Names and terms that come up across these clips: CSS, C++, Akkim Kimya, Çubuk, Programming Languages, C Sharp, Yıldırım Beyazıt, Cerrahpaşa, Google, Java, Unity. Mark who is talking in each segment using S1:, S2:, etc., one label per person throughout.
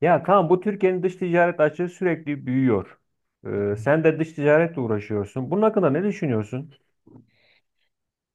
S1: Ya tamam, bu Türkiye'nin dış ticaret açığı sürekli büyüyor. Sen de dış ticaretle uğraşıyorsun. Bunun hakkında ne düşünüyorsun?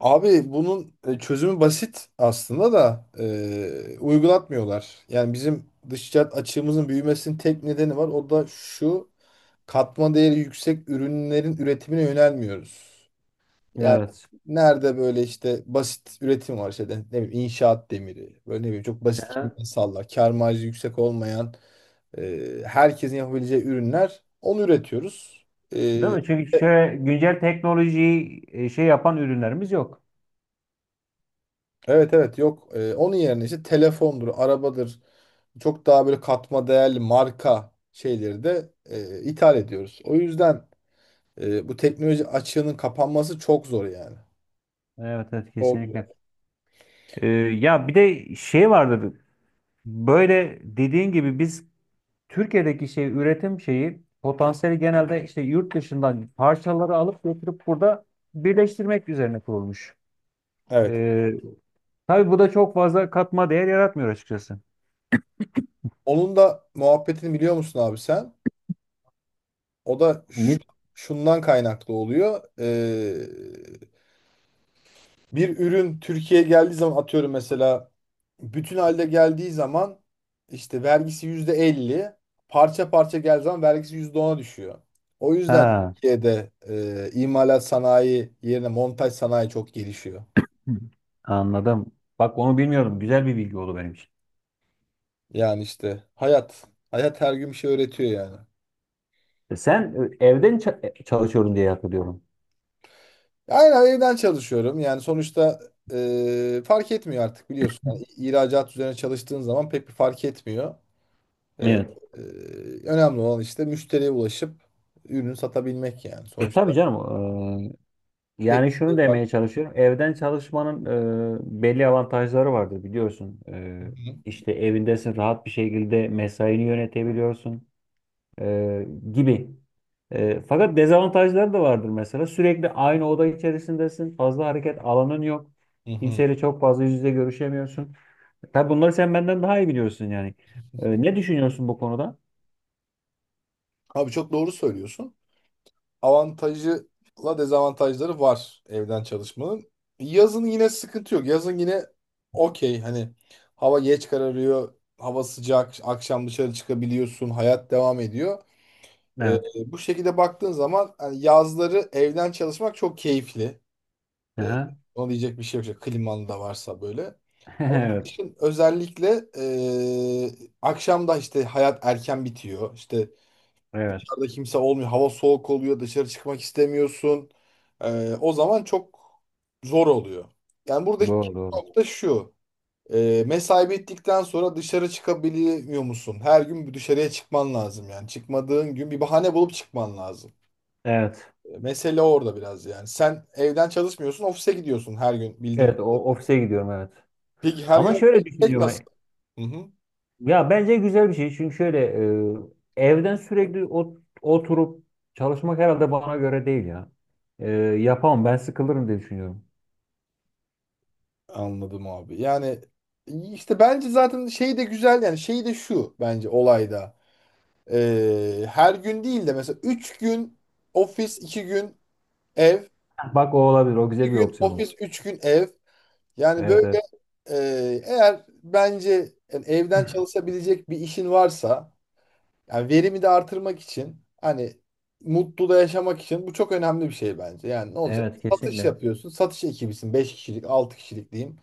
S2: Abi bunun çözümü basit aslında da uygulatmıyorlar. Yani bizim dış ticaret açığımızın büyümesinin tek nedeni var. O da şu katma değeri yüksek ürünlerin üretimine yönelmiyoruz. Yani
S1: Evet.
S2: nerede böyle işte basit üretim var işte ne bileyim inşaat demiri böyle ne bileyim çok basit
S1: Aha.
S2: kimyasallar kâr marjı yüksek olmayan herkesin yapabileceği ürünler onu üretiyoruz. E,
S1: Değil mi? Çünkü
S2: e,
S1: şöyle güncel teknolojiyi şey yapan ürünlerimiz yok.
S2: Evet evet yok. Onun yerine işte telefondur, arabadır. Çok daha böyle katma değerli marka şeyleri de ithal ediyoruz. O yüzden bu teknoloji açığının kapanması çok zor yani.
S1: Evet, evet,
S2: Çok zor.
S1: kesinlikle. Ya bir de şey vardı. Böyle dediğin gibi biz Türkiye'deki şey üretim şeyi potansiyeli genelde işte yurt dışından parçaları alıp getirip burada birleştirmek üzerine kurulmuş.
S2: Evet.
S1: Ee, tabii bu da çok fazla katma değer yaratmıyor açıkçası.
S2: Onun da muhabbetini biliyor musun abi sen? O da
S1: Ne?
S2: şundan kaynaklı oluyor. Bir ürün Türkiye'ye geldiği zaman atıyorum mesela bütün halde geldiği zaman işte vergisi yüzde elli parça parça geldiği zaman vergisi yüzde ona düşüyor. O yüzden
S1: Ha.
S2: Türkiye'de imalat sanayi yerine montaj sanayi çok gelişiyor.
S1: Hı. Anladım. Bak, onu bilmiyorum. Güzel bir bilgi oldu benim için.
S2: Yani işte hayat. Hayat her gün bir şey öğretiyor yani.
S1: E, sen evden çalışıyorum diye hatırlıyorum.
S2: Aynen evden çalışıyorum. Yani sonuçta fark etmiyor artık biliyorsun. Yani ihracat üzerine çalıştığın zaman pek bir fark etmiyor. Ee,
S1: Evet.
S2: e, Önemli olan işte müşteriye ulaşıp ürünü satabilmek yani.
S1: E, tabii
S2: Sonuçta
S1: canım.
S2: pek
S1: Yani
S2: bir
S1: şunu
S2: şey fark.
S1: demeye çalışıyorum. Evden çalışmanın belli avantajları vardır biliyorsun. E,
S2: Hı
S1: işte evindesin, rahat bir şekilde mesaini yönetebiliyorsun e, gibi. E, fakat dezavantajları da vardır mesela. Sürekli aynı oda içerisindesin. Fazla hareket alanın yok.
S2: hı hı.
S1: Kimseyle çok fazla yüz yüze görüşemiyorsun. Tabii bunları sen benden daha iyi biliyorsun yani. Ne düşünüyorsun bu konuda?
S2: Abi çok doğru söylüyorsun. Avantajıyla dezavantajları var evden çalışmanın. Yazın yine sıkıntı yok. Yazın yine okey hani hava geç kararıyor, hava sıcak, akşam dışarı çıkabiliyorsun, hayat devam ediyor. Ee,
S1: Evet.
S2: Bu şekilde baktığın zaman hani yazları evden çalışmak çok keyifli. Ee,
S1: Aha.
S2: Ona diyecek bir şey yok. İşte klimalı da varsa böyle. Ama
S1: Evet.
S2: kışın özellikle akşam işte hayat erken bitiyor. İşte
S1: Evet.
S2: dışarıda kimse olmuyor. Hava soğuk oluyor. Dışarı çıkmak istemiyorsun. O zaman çok zor oluyor. Yani buradaki
S1: Doğru, doğru.
S2: nokta şu. Mesai bittikten sonra dışarı çıkabiliyor musun? Her gün bir dışarıya çıkman lazım yani. Çıkmadığın gün bir bahane bulup çıkman lazım.
S1: Evet.
S2: Mesele orada biraz yani. Sen evden çalışmıyorsun, ofise gidiyorsun her gün bildiğim.
S1: Evet, o ofise gidiyorum, evet.
S2: Peki her
S1: Ama
S2: gün
S1: şöyle
S2: tek nasıl?
S1: düşünüyorum.
S2: Hı hı.
S1: Ya bence güzel bir şey. Çünkü şöyle evden sürekli oturup çalışmak herhalde bana göre değil ya. E, yapamam, ben sıkılırım diye düşünüyorum.
S2: Anladım abi. Yani işte bence zaten şey de güzel yani şey de şu bence olayda. Her gün değil de mesela 3 gün ofis 2 gün ev
S1: Bak, o olabilir. O
S2: 2
S1: güzel bir
S2: gün
S1: opsiyon
S2: ofis
S1: olur.
S2: 3 gün ev. Yani
S1: Evet,
S2: böyle
S1: evet.
S2: e, eğer bence yani evden çalışabilecek bir işin varsa yani verimi de artırmak için hani mutlu da yaşamak için bu çok önemli bir şey bence. Yani ne olacak?
S1: Evet,
S2: Satış
S1: kesinlikle.
S2: yapıyorsun. Satış ekibisin. Beş kişilik 6 kişilik diyeyim.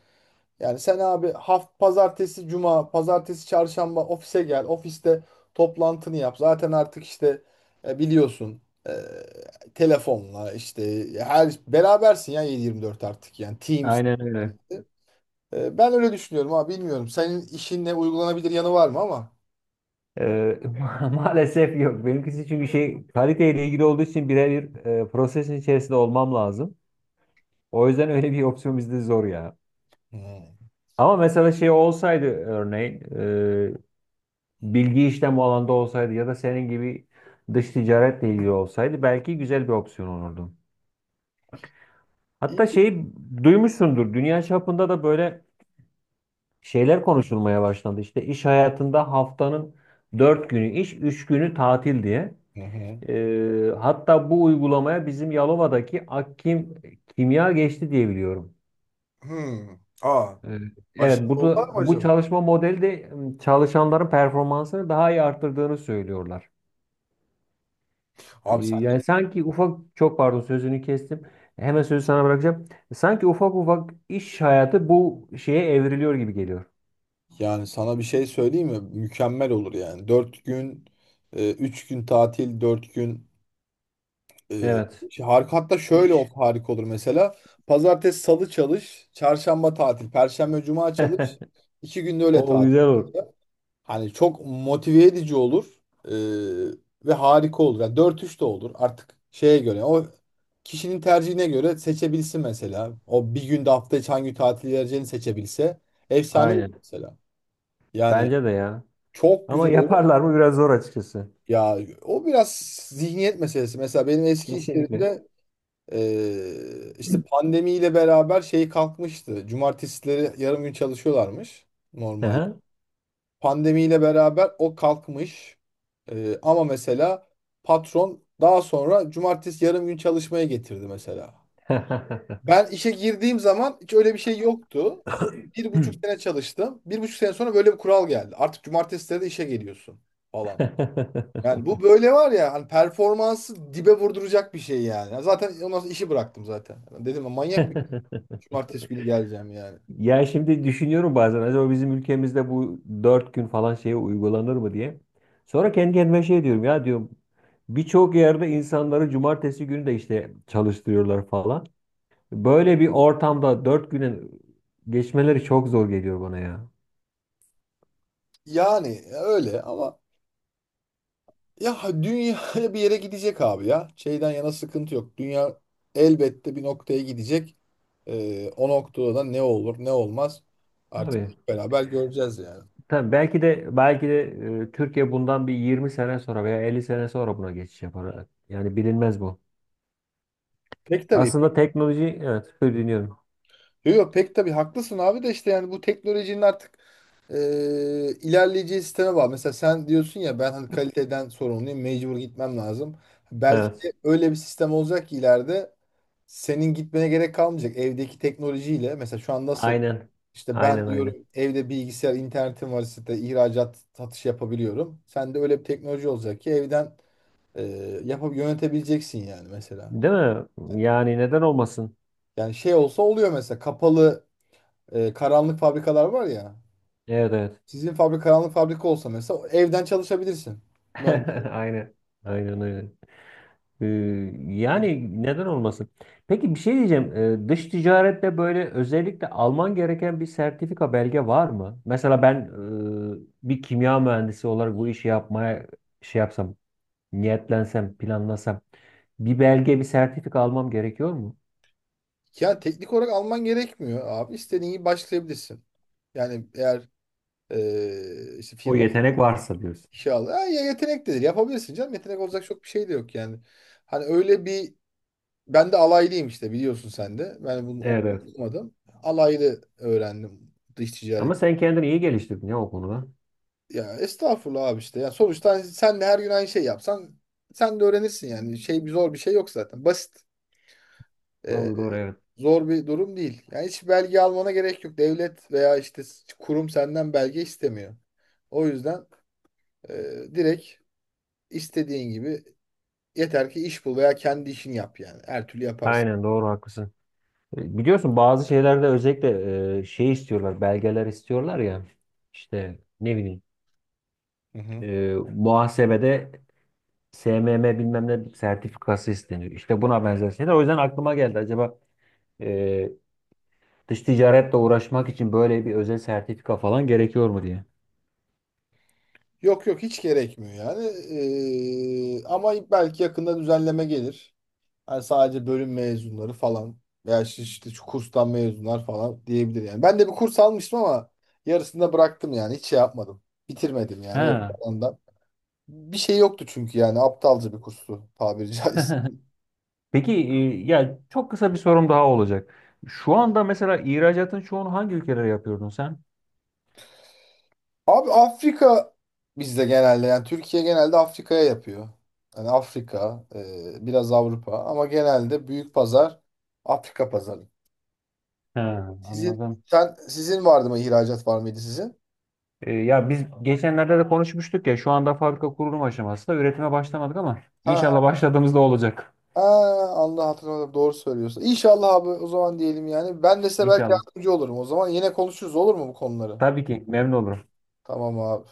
S2: Yani sen abi pazartesi cuma, pazartesi çarşamba ofise gel. Ofiste toplantını yap. Zaten artık işte biliyorsun e, telefonla işte her berabersin ya 7/24 artık yani Teams.
S1: Aynen öyle.
S2: Ben öyle düşünüyorum abi bilmiyorum. Senin işinle uygulanabilir yanı var mı ama?
S1: Maalesef yok. Benimkisi çünkü şey, kaliteyle ilgili olduğu için birebir prosesin içerisinde olmam lazım. O yüzden öyle bir opsiyon bizde zor ya.
S2: Hmm.
S1: Ama mesela şey olsaydı örneğin e, bilgi işlem bu alanda olsaydı ya da senin gibi dış ticaretle ilgili olsaydı belki güzel bir opsiyon olurdu.
S2: İyi.
S1: Hatta şeyi duymuşsundur. Dünya çapında da böyle şeyler konuşulmaya başlandı. İşte iş hayatında haftanın 4 günü iş, 3 günü tatil diye.
S2: Hı hı.
S1: Hatta bu uygulamaya bizim Yalova'daki Akkim Kimya geçti diye biliyorum.
S2: Hmm. Aa,
S1: Ee,
S2: aşırı
S1: Evet, burada
S2: dolar mı
S1: bu
S2: acaba?
S1: çalışma modeli de çalışanların performansını daha iyi arttırdığını söylüyorlar.
S2: Abi sen
S1: Yani sanki ufak, çok pardon sözünü kestim. Hemen sözü sana bırakacağım. Sanki ufak ufak iş hayatı bu şeye evriliyor gibi geliyor.
S2: yani sana bir şey söyleyeyim mi? Mükemmel olur yani. Dört gün, 3 gün tatil, 4 gün. Ee,
S1: Evet.
S2: Şey, harika hatta şöyle olsa
S1: İş.
S2: harika olur mesela. Pazartesi, salı çalış, çarşamba tatil, perşembe, cuma çalış. İki günde öyle
S1: O
S2: tatil.
S1: güzel olur.
S2: Hani çok motive edici olur ve harika olur. Yani 4-3 de olur artık şeye göre. O kişinin tercihine göre seçebilsin mesela. O bir günde hafta içi hangi tatil vereceğini seçebilse. Efsane olur
S1: Aynen.
S2: mesela. Yani
S1: Bence de ya.
S2: çok
S1: Ama
S2: güzel olur.
S1: yaparlar mı, biraz zor açıkçası.
S2: Ya o biraz zihniyet meselesi. Mesela benim eski iş
S1: Kesinlikle.
S2: yerimde işte pandemiyle beraber şey kalkmıştı. Cumartesileri yarım gün çalışıyorlarmış normalde.
S1: Hı
S2: Pandemiyle beraber o kalkmış. Ama mesela patron daha sonra cumartesi yarım gün çalışmaya getirdi mesela.
S1: hı.
S2: Ben işe girdiğim zaman hiç öyle bir şey yoktu. Bir buçuk sene çalıştım. Bir buçuk sene sonra böyle bir kural geldi. Artık cumartesileri de işe geliyorsun falan. Yani bu böyle var ya hani performansı dibe vurduracak bir şey yani. Zaten ondan sonra işi bıraktım zaten. Dedim ya, manyak Cumartesi günü geleceğim yani.
S1: Ya şimdi düşünüyorum bazen, acaba bizim ülkemizde bu dört gün falan şeye uygulanır mı diye. Sonra kendi kendime şey diyorum, ya diyorum birçok yerde insanları cumartesi günü de işte çalıştırıyorlar falan. Böyle bir ortamda dört güne geçmeleri çok zor geliyor bana ya.
S2: Yani öyle ama ya dünya bir yere gidecek abi ya. Şeyden yana sıkıntı yok. Dünya elbette bir noktaya gidecek. O noktada da ne olur ne olmaz artık
S1: Tabii.
S2: hep beraber göreceğiz yani.
S1: Tabii belki de, belki de, Türkiye bundan bir 20 sene sonra veya 50 sene sonra buna geçiş yapar. Yani bilinmez bu.
S2: Pek tabii.
S1: Aslında teknoloji, evet, dinliyorum.
S2: Yok yok pek tabii haklısın abi de işte yani bu teknolojinin artık e, ilerleyeceği sisteme bağlı. Mesela sen diyorsun ya ben hani kaliteden sorumluyum mecbur gitmem lazım. Belki
S1: Evet.
S2: de öyle bir sistem olacak ki ileride senin gitmene gerek kalmayacak evdeki teknolojiyle. Mesela şu an nasıl
S1: Aynen.
S2: işte ben
S1: Aynen, aynen.
S2: diyorum evde bilgisayar internetim var işte ihracat satış yapabiliyorum. Sen de öyle bir teknoloji olacak ki evden e, yapıp yönetebileceksin yani mesela.
S1: Değil mi? Yani neden olmasın?
S2: Yani şey olsa oluyor mesela kapalı karanlık fabrikalar var ya.
S1: Evet, evet.
S2: Sizin fabrika karanlık fabrika olsa mesela evden çalışabilirsin. Mühendis.
S1: Aynen. Aynen, aynen. Ee,
S2: Diye.
S1: Yani neden olmasın? Peki, bir şey diyeceğim. Dış ticarette böyle özellikle alman gereken bir sertifika, belge var mı? Mesela ben bir kimya mühendisi olarak bu işi yapmaya şey yapsam, niyetlensem, planlasam bir belge, bir sertifika almam gerekiyor mu?
S2: Ya teknik olarak alman gerekmiyor abi. İstediğin gibi başlayabilirsin. Yani eğer işte
S1: O
S2: firma
S1: yetenek varsa diyorsun.
S2: işe al. Ha, ya yetenek dedir. Yapabilirsin canım. Yetenek olacak çok bir şey de yok yani. Hani öyle bir ben de alaylıyım işte biliyorsun sen de. Ben bunu
S1: Evet, evet.
S2: okumadım. Alaylı öğrendim dış ticaret.
S1: Ama sen kendini iyi geliştirdin ya o konuda.
S2: Ya estağfurullah abi işte. Ya sonuçta hani sen de her gün aynı şey yapsan sen de öğrenirsin yani. Şey bir zor bir şey yok zaten. Basit. Ee,
S1: Doğru, doğru, evet.
S2: Zor bir durum değil. Yani hiç belge almana gerek yok. Devlet veya işte kurum senden belge istemiyor. O yüzden e, direkt istediğin gibi yeter ki iş bul veya kendi işini yap yani. Her türlü yaparsın.
S1: Aynen, doğru, haklısın. E, biliyorsun bazı şeylerde özellikle şey istiyorlar, belgeler istiyorlar ya. İşte ne bileyim,
S2: Hı hı.
S1: muhasebede SMM bilmem ne sertifikası isteniyor. İşte buna benzer şeyler. O yüzden aklıma geldi. Acaba e, dış ticaretle uğraşmak için böyle bir özel sertifika falan gerekiyor mu diye.
S2: Yok yok hiç gerekmiyor yani. Ama belki yakında düzenleme gelir. Yani sadece bölüm mezunları falan veya işte şu kurstan mezunlar falan diyebilir yani. Ben de bir kurs almıştım ama yarısında bıraktım yani. Hiç şey yapmadım. Bitirmedim yani öyle
S1: Ha.
S2: ondan. Bir şey yoktu çünkü yani aptalca bir kurstu tabiri caizse.
S1: Peki, ya çok kısa bir sorum daha olacak. Şu anda mesela ihracatın çoğunu hangi ülkelere yapıyordun sen?
S2: Abi Afrika bizde genelde yani Türkiye genelde Afrika'ya yapıyor. Yani Afrika, biraz Avrupa ama genelde büyük pazar Afrika pazarı.
S1: Ha,
S2: Sizin
S1: anladım.
S2: sen sizin vardı mı ihracat var mıydı sizin?
S1: E, ya biz geçenlerde de konuşmuştuk ya, şu anda fabrika kurulum aşamasında, üretime başlamadık ama
S2: Ha,
S1: inşallah başladığımızda olacak.
S2: Allah hatırladım. Doğru söylüyorsun. İnşallah abi o zaman diyelim yani. Ben de size belki
S1: İnşallah.
S2: yardımcı olurum. O zaman yine konuşuruz olur mu bu konuları?
S1: Tabii ki memnun olurum.
S2: Tamam abi.